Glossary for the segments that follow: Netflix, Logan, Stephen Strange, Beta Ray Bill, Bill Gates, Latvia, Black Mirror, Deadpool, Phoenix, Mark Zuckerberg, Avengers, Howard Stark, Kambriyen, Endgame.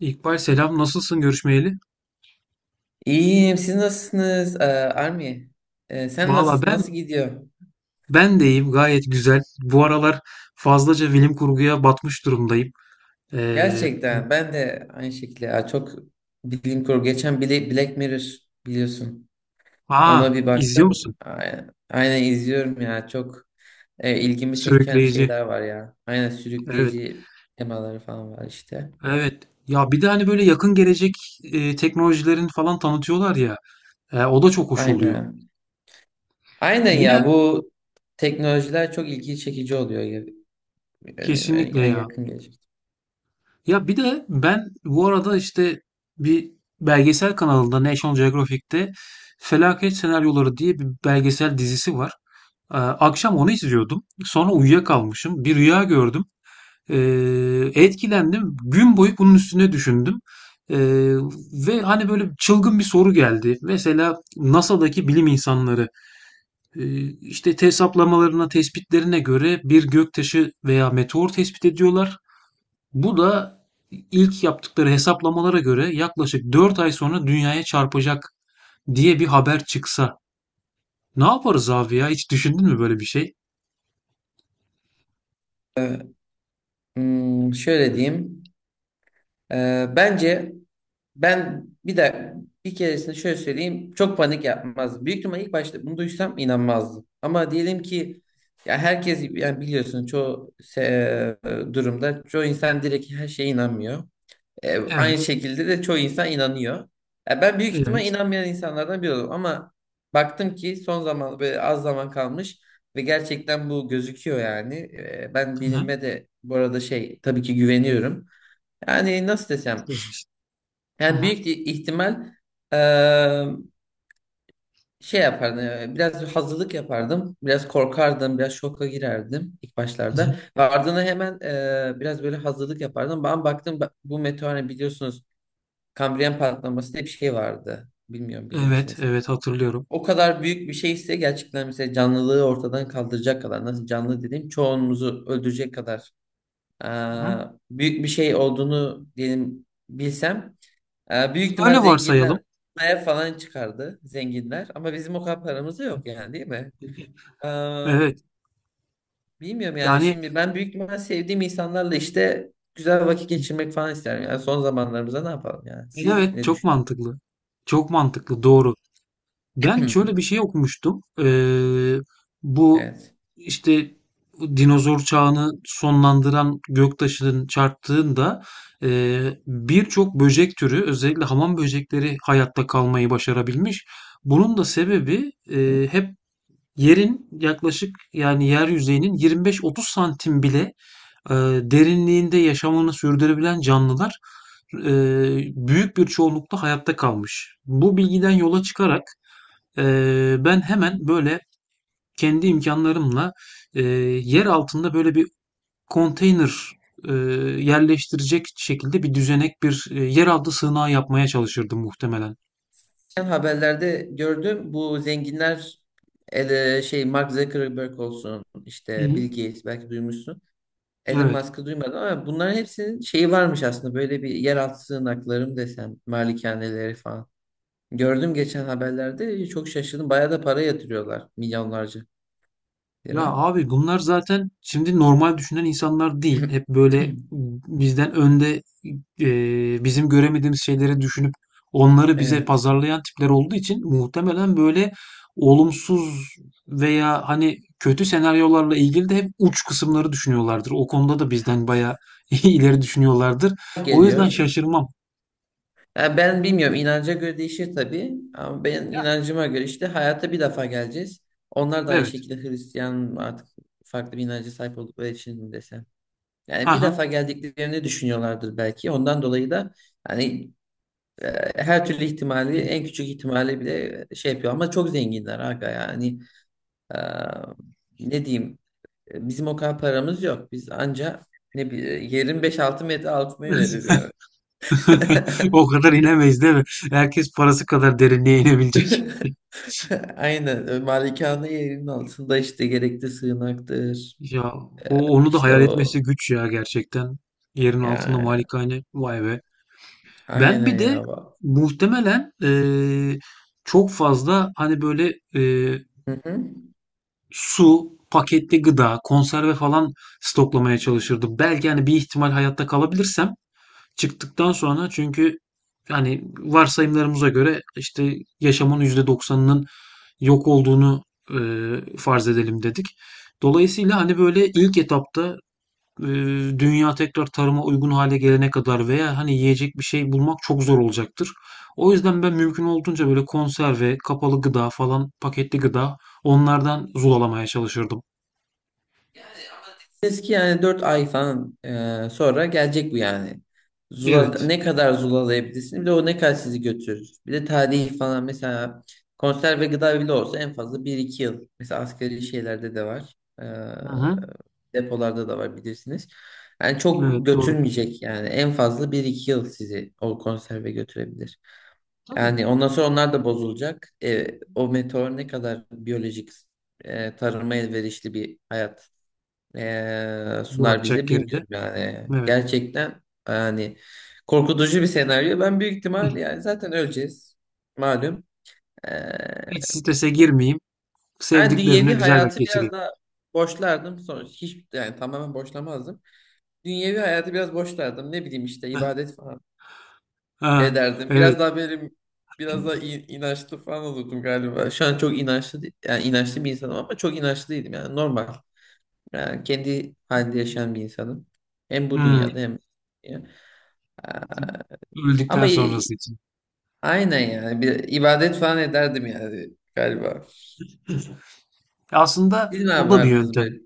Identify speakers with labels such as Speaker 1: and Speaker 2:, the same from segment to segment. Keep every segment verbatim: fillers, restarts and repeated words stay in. Speaker 1: İkbal selam nasılsın görüşmeyeli?
Speaker 2: İyiyim. Siz nasılsınız? Ee, Army, Ee, sen
Speaker 1: Valla
Speaker 2: nasıl
Speaker 1: ben
Speaker 2: nasıl gidiyor?
Speaker 1: ben deyim gayet güzel. Bu aralar fazlaca bilim kurguya batmış durumdayım. Ee,
Speaker 2: Gerçekten ben de aynı şekilde Aa, çok bilim kurgu. Geçen Bla- Black Mirror biliyorsun.
Speaker 1: Aa,
Speaker 2: Ona bir
Speaker 1: izliyor musun?
Speaker 2: baktım. Aynen, aynen izliyorum ya. Çok e, ilgimi çeken
Speaker 1: Sürükleyici.
Speaker 2: şeyler var ya. Aynen
Speaker 1: Evet.
Speaker 2: sürükleyici temaları falan var işte.
Speaker 1: Evet. Ya bir de hani böyle yakın gelecek e, teknolojilerin falan tanıtıyorlar ya. E, o da çok hoş oluyor.
Speaker 2: Aynen. Aynen
Speaker 1: Yine
Speaker 2: ya bu teknolojiler çok ilgi çekici oluyor. Yani,
Speaker 1: kesinlikle
Speaker 2: yani
Speaker 1: ya.
Speaker 2: yakın gelecek.
Speaker 1: Ya bir de ben bu arada işte bir belgesel kanalında National Geographic'te Felaket Senaryoları diye bir belgesel dizisi var. Ee, akşam onu izliyordum. Sonra uyuyakalmışım. Bir rüya gördüm. Ee, Etkilendim. Gün boyu bunun üstüne düşündüm. Ee, Ve hani böyle çılgın bir soru geldi. Mesela N A S A'daki bilim insanları e, işte hesaplamalarına, tespitlerine göre bir göktaşı veya meteor tespit ediyorlar. Bu da ilk yaptıkları hesaplamalara göre yaklaşık dört ay sonra dünyaya çarpacak diye bir haber çıksa. Ne yaparız abi ya? Hiç düşündün mü böyle bir şey?
Speaker 2: Ee, hmm, Şöyle diyeyim. Ee, bence ben bir de bir keresinde şöyle söyleyeyim çok panik yapmazdım. Büyük ihtimal ilk başta bunu duysam inanmazdım. Ama diyelim ki ya herkes yani biliyorsun çoğu se- e, durumda çoğu insan direkt her şeye inanmıyor. Ee, aynı
Speaker 1: Evet,
Speaker 2: şekilde de çoğu insan inanıyor. Ya ben büyük ihtimal
Speaker 1: evet.
Speaker 2: inanmayan insanlardan biri oldum ama baktım ki son zaman böyle az zaman kalmış ve gerçekten bu gözüküyor yani. Ee, ben
Speaker 1: Hı hı.
Speaker 2: bilime de bu arada şey tabii ki güveniyorum. Yani nasıl desem
Speaker 1: Beşinci. Hı
Speaker 2: yani
Speaker 1: hı.
Speaker 2: büyük ihtimal eee, şey yapardım. eee, Biraz hazırlık yapardım. Biraz korkardım. Biraz şoka girerdim ilk
Speaker 1: Hı hı.
Speaker 2: başlarda. Ve ardına hemen eee, biraz böyle hazırlık yapardım. Ben baktım ba- bu meteor hani biliyorsunuz Kambriyen patlaması diye bir şey vardı. Bilmiyorum bilir
Speaker 1: Evet,
Speaker 2: misiniz?
Speaker 1: evet hatırlıyorum.
Speaker 2: O kadar büyük bir şey ise gerçekten mesela canlılığı ortadan kaldıracak kadar nasıl canlı dediğim çoğunumuzu öldürecek kadar eee,
Speaker 1: Hı hı.
Speaker 2: büyük bir şey olduğunu diyelim bilsem ee, büyük ihtimal
Speaker 1: Öyle
Speaker 2: zenginler
Speaker 1: varsayalım.
Speaker 2: ev falan çıkardı zenginler ama bizim o kadar paramız da yok yani değil mi? Ee,
Speaker 1: Evet.
Speaker 2: Bilmiyorum yani
Speaker 1: Yani
Speaker 2: şimdi ben büyük ihtimal sevdiğim insanlarla işte güzel vakit geçirmek falan isterim. Yani son zamanlarımızda ne yapalım yani? Siz ne
Speaker 1: evet çok
Speaker 2: düşünüyorsunuz?
Speaker 1: mantıklı. Çok mantıklı. Doğru. Ben şöyle bir şey okumuştum. Ee, bu
Speaker 2: Evet.
Speaker 1: işte dinozor çağını sonlandıran göktaşının çarptığında e, birçok böcek türü özellikle hamam böcekleri hayatta kalmayı başarabilmiş. Bunun da sebebi
Speaker 2: Hı.
Speaker 1: e, hep yerin yaklaşık yani yer yüzeyinin yirmi beş otuz santim bile e, derinliğinde yaşamını sürdürebilen canlılar e, büyük bir çoğunlukla hayatta kalmış. Bu bilgiden yola çıkarak ee, ben hemen böyle kendi imkanlarımla e, yer altında böyle bir konteyner e, yerleştirecek şekilde bir düzenek bir e, yeraltı sığınağı yapmaya çalışırdım muhtemelen.
Speaker 2: Geçen haberlerde gördüm bu zenginler ele, şey Mark Zuckerberg olsun
Speaker 1: Hı
Speaker 2: işte
Speaker 1: hı.
Speaker 2: Bill Gates belki duymuşsun. Elon
Speaker 1: Evet.
Speaker 2: Musk'ı duymadım ama bunların hepsinin şeyi varmış aslında böyle bir yeraltı sığınakları mı desem malikaneleri falan. Gördüm geçen haberlerde çok şaşırdım. Bayağı da para yatırıyorlar. Milyonlarca
Speaker 1: Ya
Speaker 2: lira.
Speaker 1: abi bunlar zaten şimdi normal düşünen insanlar değil. Hep böyle bizden önde e, bizim göremediğimiz şeyleri düşünüp onları bize
Speaker 2: Evet.
Speaker 1: pazarlayan tipler olduğu için muhtemelen böyle olumsuz veya hani kötü senaryolarla ilgili de hep uç kısımları düşünüyorlardır. O konuda da bizden bayağı ileri düşünüyorlardır. O yüzden
Speaker 2: Geliyoruz.
Speaker 1: şaşırmam.
Speaker 2: Ya ben bilmiyorum inanca göre değişir tabii. Ama ben
Speaker 1: Ya
Speaker 2: inancıma göre işte hayata bir defa geleceğiz. Onlar da aynı
Speaker 1: evet.
Speaker 2: şekilde Hristiyan artık farklı bir inanca sahip oldukları için mi desem. Yani bir
Speaker 1: Haha.
Speaker 2: defa geldiklerini düşünüyorlardır belki. Ondan dolayı da hani e, her türlü ihtimali en küçük ihtimali bile şey yapıyor. Ama çok zenginler aga yani. e, Ne diyeyim. E, Bizim o kadar paramız yok. Biz anca ne bileyim yerin beş altı metre altına ineriz yani.
Speaker 1: O kadar inemeyiz değil mi? Herkes parası kadar derinliğe inebilecek.
Speaker 2: Aynen. e, Malikane yerinin altında işte gerekli sığınaktır.
Speaker 1: Ya
Speaker 2: E,
Speaker 1: o onu da
Speaker 2: işte
Speaker 1: hayal etmesi
Speaker 2: o.
Speaker 1: güç ya gerçekten. Yerin altında
Speaker 2: Yani
Speaker 1: malikane vay be. Ben
Speaker 2: aynen
Speaker 1: bir de
Speaker 2: ya.
Speaker 1: muhtemelen eee, çok fazla hani böyle eee,
Speaker 2: Hı hı.
Speaker 1: su, paketli gıda, konserve falan stoklamaya çalışırdım. Belki hani bir ihtimal hayatta kalabilirsem çıktıktan sonra çünkü yani varsayımlarımıza göre işte yaşamın yüzde doksanının yok olduğunu eee, farz edelim dedik. Dolayısıyla hani böyle ilk etapta eee, dünya tekrar tarıma uygun hale gelene kadar veya hani yiyecek bir şey bulmak çok zor olacaktır. O yüzden ben mümkün olduğunca böyle konserve, kapalı gıda falan, paketli gıda onlardan zulalamaya çalışırdım.
Speaker 2: Eski yani dört ay falan e, sonra gelecek bu yani. Zula,
Speaker 1: Evet.
Speaker 2: ne kadar zulalayabilirsin bir de o ne kadar sizi götürür. Bir de tarihi falan mesela konserve gıda bile olsa en fazla bir iki yıl. Mesela asgari şeylerde de var. E,
Speaker 1: Hı hı.
Speaker 2: Depolarda da var bilirsiniz. Yani çok
Speaker 1: Evet doğru.
Speaker 2: götürmeyecek yani en fazla bir iki yıl sizi o konserve götürebilir.
Speaker 1: Tabii.
Speaker 2: Yani ondan sonra onlar da bozulacak. E, o meteor ne kadar biyolojik e, tarıma elverişli bir hayat eee, sunar
Speaker 1: Bırakacak
Speaker 2: bize
Speaker 1: geride.
Speaker 2: bilmiyorum yani.
Speaker 1: Evet.
Speaker 2: Gerçekten yani korkutucu bir senaryo. Ben büyük ihtimal yani zaten öleceğiz. Malum. Eee
Speaker 1: Hiç strese girmeyeyim.
Speaker 2: ben
Speaker 1: Sevdiklerimle
Speaker 2: dünyevi
Speaker 1: güzel vakit
Speaker 2: hayatı
Speaker 1: geçireyim.
Speaker 2: biraz daha boşlardım. Sonra hiç yani tamamen boşlamazdım. Dünyevi hayatı biraz boşlardım. Ne bileyim işte ibadet falan
Speaker 1: Ha,
Speaker 2: ederdim.
Speaker 1: evet.
Speaker 2: Biraz daha benim biraz daha in- inançlı falan olurdum galiba. Şu an çok inançlı değil- yani inançlı bir insanım ama çok inançlıydım yani normal. Yani kendi halinde yaşayan bir insanım. Hem bu
Speaker 1: Hmm.
Speaker 2: dünyada hem ya. Aa,
Speaker 1: Öldükten
Speaker 2: Ama i-
Speaker 1: sonrası için.
Speaker 2: aynen yani bir ibadet falan ederdim yani galiba.
Speaker 1: Aslında
Speaker 2: Siz ne
Speaker 1: bu da bir
Speaker 2: yapardınız
Speaker 1: yöntem.
Speaker 2: böyle?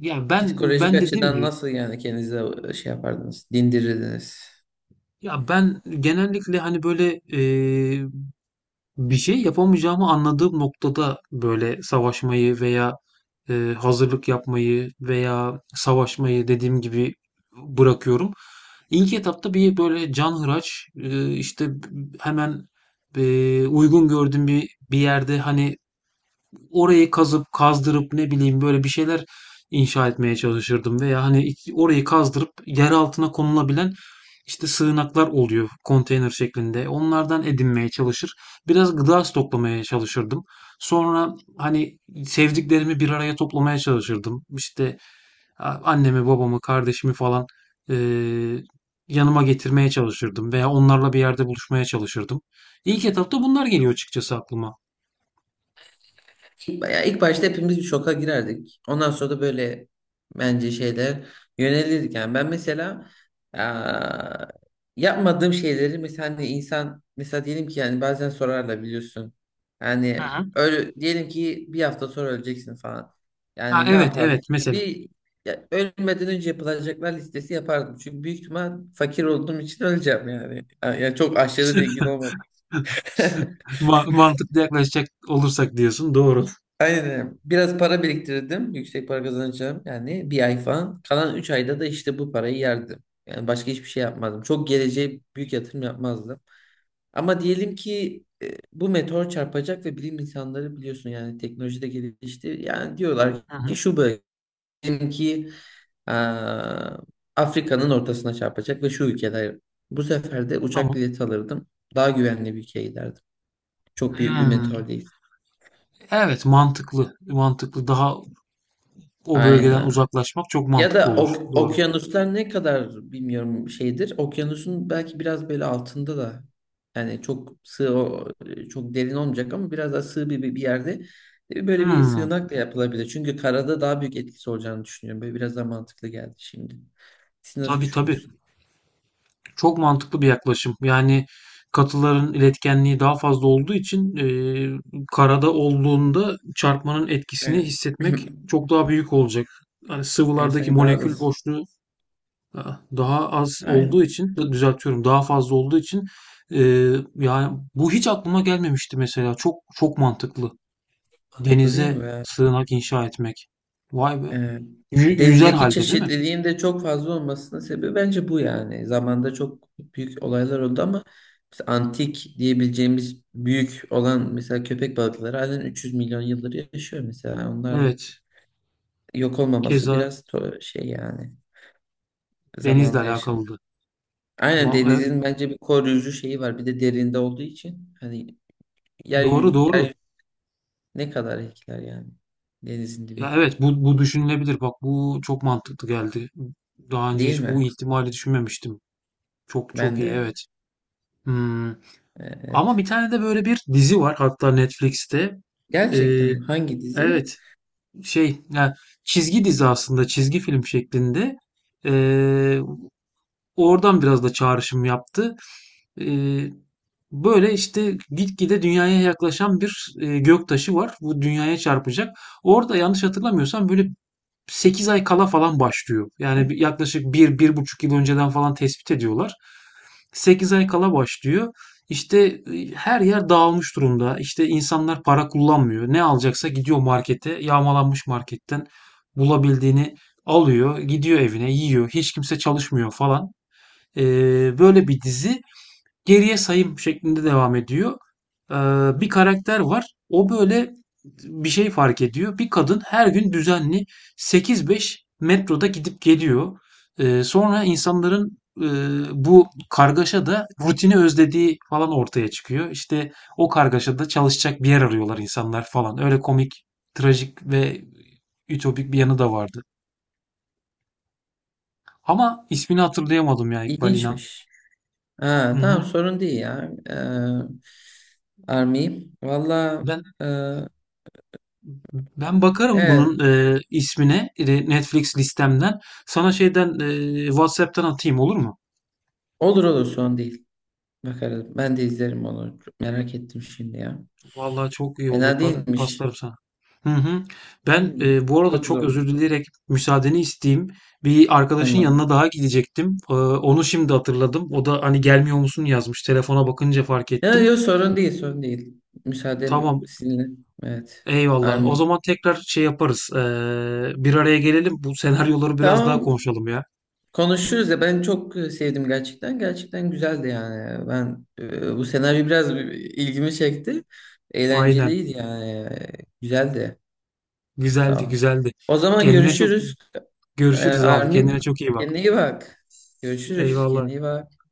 Speaker 1: Yani ben
Speaker 2: Psikolojik
Speaker 1: ben dediğim
Speaker 2: açıdan
Speaker 1: gibi.
Speaker 2: nasıl yani kendinize şey yapardınız? Dindirirdiniz.
Speaker 1: Ya ben genellikle hani böyle eee, bir şey yapamayacağımı anladığım noktada böyle savaşmayı veya eee, hazırlık yapmayı veya savaşmayı dediğim gibi bırakıyorum. İlk etapta bir böyle canhıraç eee, işte hemen eee, uygun gördüğüm bir bir yerde hani. Orayı kazıp kazdırıp ne bileyim böyle bir şeyler inşa etmeye çalışırdım veya hani iç- orayı kazdırıp yer altına konulabilen işte sığınaklar oluyor konteyner şeklinde. Onlardan edinmeye çalışır. Biraz gıda stoklamaya çalışırdım. Sonra hani sevdiklerimi bir araya toplamaya çalışırdım. İşte a- annemi, babamı, kardeşimi falan eee, yanıma getirmeye çalışırdım veya onlarla bir yerde buluşmaya çalışırdım. İlk etapta bunlar geliyor açıkçası aklıma.
Speaker 2: Bayağı ilk başta hepimiz bir şoka girerdik. Ondan sonra da böyle bence şeyler yönelirdik. Yani ben mesela eee, yapmadığım şeyleri mesela hani insan mesela diyelim ki yani bazen sorarlar biliyorsun.
Speaker 1: Hı
Speaker 2: Yani
Speaker 1: hı.
Speaker 2: öyle diyelim ki bir hafta sonra öleceksin falan.
Speaker 1: Ha
Speaker 2: Yani ne
Speaker 1: evet
Speaker 2: yapardım?
Speaker 1: evet mesela.
Speaker 2: Bir ya, ölmeden önce yapılacaklar listesi yapardım. Çünkü büyük ihtimal fakir olduğum için öleceğim yani. Yani çok aşırı zengin olmadım.
Speaker 1: Ma mantıklı yaklaşacak olursak diyorsun. Doğru.
Speaker 2: Aynen. Biraz para biriktirdim. Yüksek para kazanacağım. Yani bir ay falan. Kalan üç ayda da işte bu parayı yerdim. Yani başka hiçbir şey yapmadım. Çok geleceğe büyük yatırım yapmazdım. Ama diyelim ki e, bu meteor çarpacak ve bilim insanları biliyorsun yani teknoloji de gelişti. Yani diyorlar
Speaker 1: Hı hı.
Speaker 2: ki şu bölge diyelim ki aa, Afrika'nın ortasına çarpacak ve şu ülkeler. Bu sefer de uçak
Speaker 1: Tamam.
Speaker 2: bileti alırdım. Daha güvenli bir ülkeye giderdim. Çok büyük bir
Speaker 1: Hımm.
Speaker 2: meteor değil.
Speaker 1: Evet, mantıklı. Mantıklı. Daha o bölgeden
Speaker 2: Aynen.
Speaker 1: uzaklaşmak çok
Speaker 2: Ya
Speaker 1: mantıklı
Speaker 2: da
Speaker 1: olur.
Speaker 2: ok-
Speaker 1: Doğru.
Speaker 2: okyanuslar ne kadar bilmiyorum şeydir. Okyanusun belki biraz böyle altında da yani çok sığ o- çok derin olmayacak ama biraz daha sığ bir, bir bir yerde e, böyle bir
Speaker 1: Hımm.
Speaker 2: sığınak da yapılabilir. Çünkü karada daha büyük etkisi olacağını düşünüyorum. Böyle biraz daha mantıklı geldi şimdi. Siz nasıl
Speaker 1: Tabii, tabii.
Speaker 2: düşünüyorsunuz?
Speaker 1: Çok mantıklı bir yaklaşım. Yani katıların iletkenliği daha fazla olduğu için, eee, karada olduğunda çarpmanın etkisini
Speaker 2: Evet.
Speaker 1: hissetmek çok daha büyük olacak. Hani
Speaker 2: Yani
Speaker 1: sıvılardaki
Speaker 2: sanki daha da
Speaker 1: molekül
Speaker 2: s-
Speaker 1: boşluğu daha az
Speaker 2: aynı
Speaker 1: olduğu için düzeltiyorum. Daha fazla olduğu için e, yani bu hiç aklıma gelmemişti mesela. Çok çok mantıklı.
Speaker 2: mantıklı değil mi?
Speaker 1: Denize
Speaker 2: Ya?
Speaker 1: sığınak inşa etmek. Vay be.
Speaker 2: Ee,
Speaker 1: Yü- yüzer
Speaker 2: Denizdeki
Speaker 1: halde değil mi?
Speaker 2: çeşitliliğin de çok fazla olmasının sebebi bence bu yani. Zamanda çok büyük olaylar oldu ama mesela antik diyebileceğimiz büyük olan mesela köpek balıkları halen üç yüz milyon yıldır yaşıyor mesela. Onlar
Speaker 1: Evet.
Speaker 2: yok olmaması
Speaker 1: Keza
Speaker 2: biraz to- şey yani
Speaker 1: denizle
Speaker 2: zamanda yaşanıyor.
Speaker 1: alakalıydı.
Speaker 2: Aynen
Speaker 1: Va- evet.
Speaker 2: denizin bence bir koruyucu şeyi var. Bir de derinde olduğu için hani
Speaker 1: Doğru
Speaker 2: yeryüzü,
Speaker 1: doğru.
Speaker 2: yeryüzü ne kadar etkiler yani denizin
Speaker 1: Ya
Speaker 2: dibi.
Speaker 1: evet bu bu düşünülebilir. Bak bu çok mantıklı geldi. Daha önce
Speaker 2: Değil
Speaker 1: hiç bu
Speaker 2: mi?
Speaker 1: ihtimali düşünmemiştim. Çok çok
Speaker 2: Ben
Speaker 1: iyi
Speaker 2: de.
Speaker 1: evet. Hmm.
Speaker 2: e,
Speaker 1: Ama bir
Speaker 2: Evet.
Speaker 1: tane de böyle bir dizi var hatta Netflix'te. Ee,
Speaker 2: Gerçekten hangi dizi?
Speaker 1: Evet, şey, ya çizgi dizi aslında çizgi film şeklinde. Ee, Oradan biraz da çağrışım yaptı. Ee, Böyle işte gitgide dünyaya yaklaşan bir e, göktaşı var. Bu dünyaya çarpacak. Orada yanlış hatırlamıyorsam böyle sekiz ay kala falan başlıyor. Yani bir- yaklaşık bir-bir buçuk yıl önceden falan tespit ediyorlar. sekiz ay kala başlıyor. İşte e, her yer dağılmış durumda. İşte insanlar para kullanmıyor. Ne alacaksa gidiyor markete, yağmalanmış marketten bulabildiğini alıyor, gidiyor evine, yiyor. Hiç kimse çalışmıyor falan. Ee, böyle bir dizi geriye sayım şeklinde devam ediyor. Ee, Bir karakter var. O böyle bir şey fark ediyor. Bir kadın her gün düzenli sekiz beş metroda gidip geliyor. Ee, sonra insanların e, bu kargaşada rutini özlediği falan ortaya çıkıyor. İşte o kargaşada çalışacak bir yer arıyorlar insanlar falan. Öyle komik, trajik ve ütopik bir yanı da vardı. Ama ismini hatırlayamadım ya İkbal İnan.
Speaker 2: İlginçmiş.
Speaker 1: Hı
Speaker 2: Ha,
Speaker 1: hı.
Speaker 2: tamam sorun değil ya. Ee, Army. Valla
Speaker 1: Ben
Speaker 2: e,
Speaker 1: Ben bakarım
Speaker 2: evet
Speaker 1: bunun e, ismine e, Netflix listemden. Sana şeyden e, WhatsApp'tan atayım olur mu?
Speaker 2: olur olur sorun değil. Bakarız. Ben de izlerim onu. Çok merak ettim şimdi ya.
Speaker 1: Vallahi çok iyi olur.
Speaker 2: Fena
Speaker 1: Ben
Speaker 2: değilmiş.
Speaker 1: paslarım sana. Hı hı. Ben
Speaker 2: Hmm,
Speaker 1: e, bu arada
Speaker 2: Çok güzel
Speaker 1: çok
Speaker 2: olur.
Speaker 1: özür dileyerek müsaadeni isteyeyim. Bir arkadaşın yanına
Speaker 2: Tamam.
Speaker 1: daha gidecektim. E, onu şimdi hatırladım. O da hani gelmiyor musun yazmış. Telefona bakınca fark
Speaker 2: Ya
Speaker 1: ettim.
Speaker 2: yok sorun değil sorun değil. Müsaadem
Speaker 1: Tamam.
Speaker 2: sizinle. Evet.
Speaker 1: Eyvallah. O
Speaker 2: Army.
Speaker 1: zaman tekrar şey yaparız. E, bir araya gelelim. Bu senaryoları biraz daha
Speaker 2: Tamam.
Speaker 1: konuşalım ya.
Speaker 2: Konuşuruz ya ben çok e, sevdim gerçekten. Gerçekten güzeldi yani. Ben e, bu senaryo biraz ilgimi çekti.
Speaker 1: Aynen.
Speaker 2: Eğlenceliydi yani. E, Güzeldi. Sağ
Speaker 1: Güzeldi,
Speaker 2: ol.
Speaker 1: güzeldi.
Speaker 2: O zaman
Speaker 1: Kendine çok.
Speaker 2: görüşürüz. E,
Speaker 1: Görüşürüz abi. Kendine
Speaker 2: Armin,
Speaker 1: çok iyi bak.
Speaker 2: kendine iyi bak. Görüşürüz. Kendine
Speaker 1: Eyvallah.
Speaker 2: iyi bak.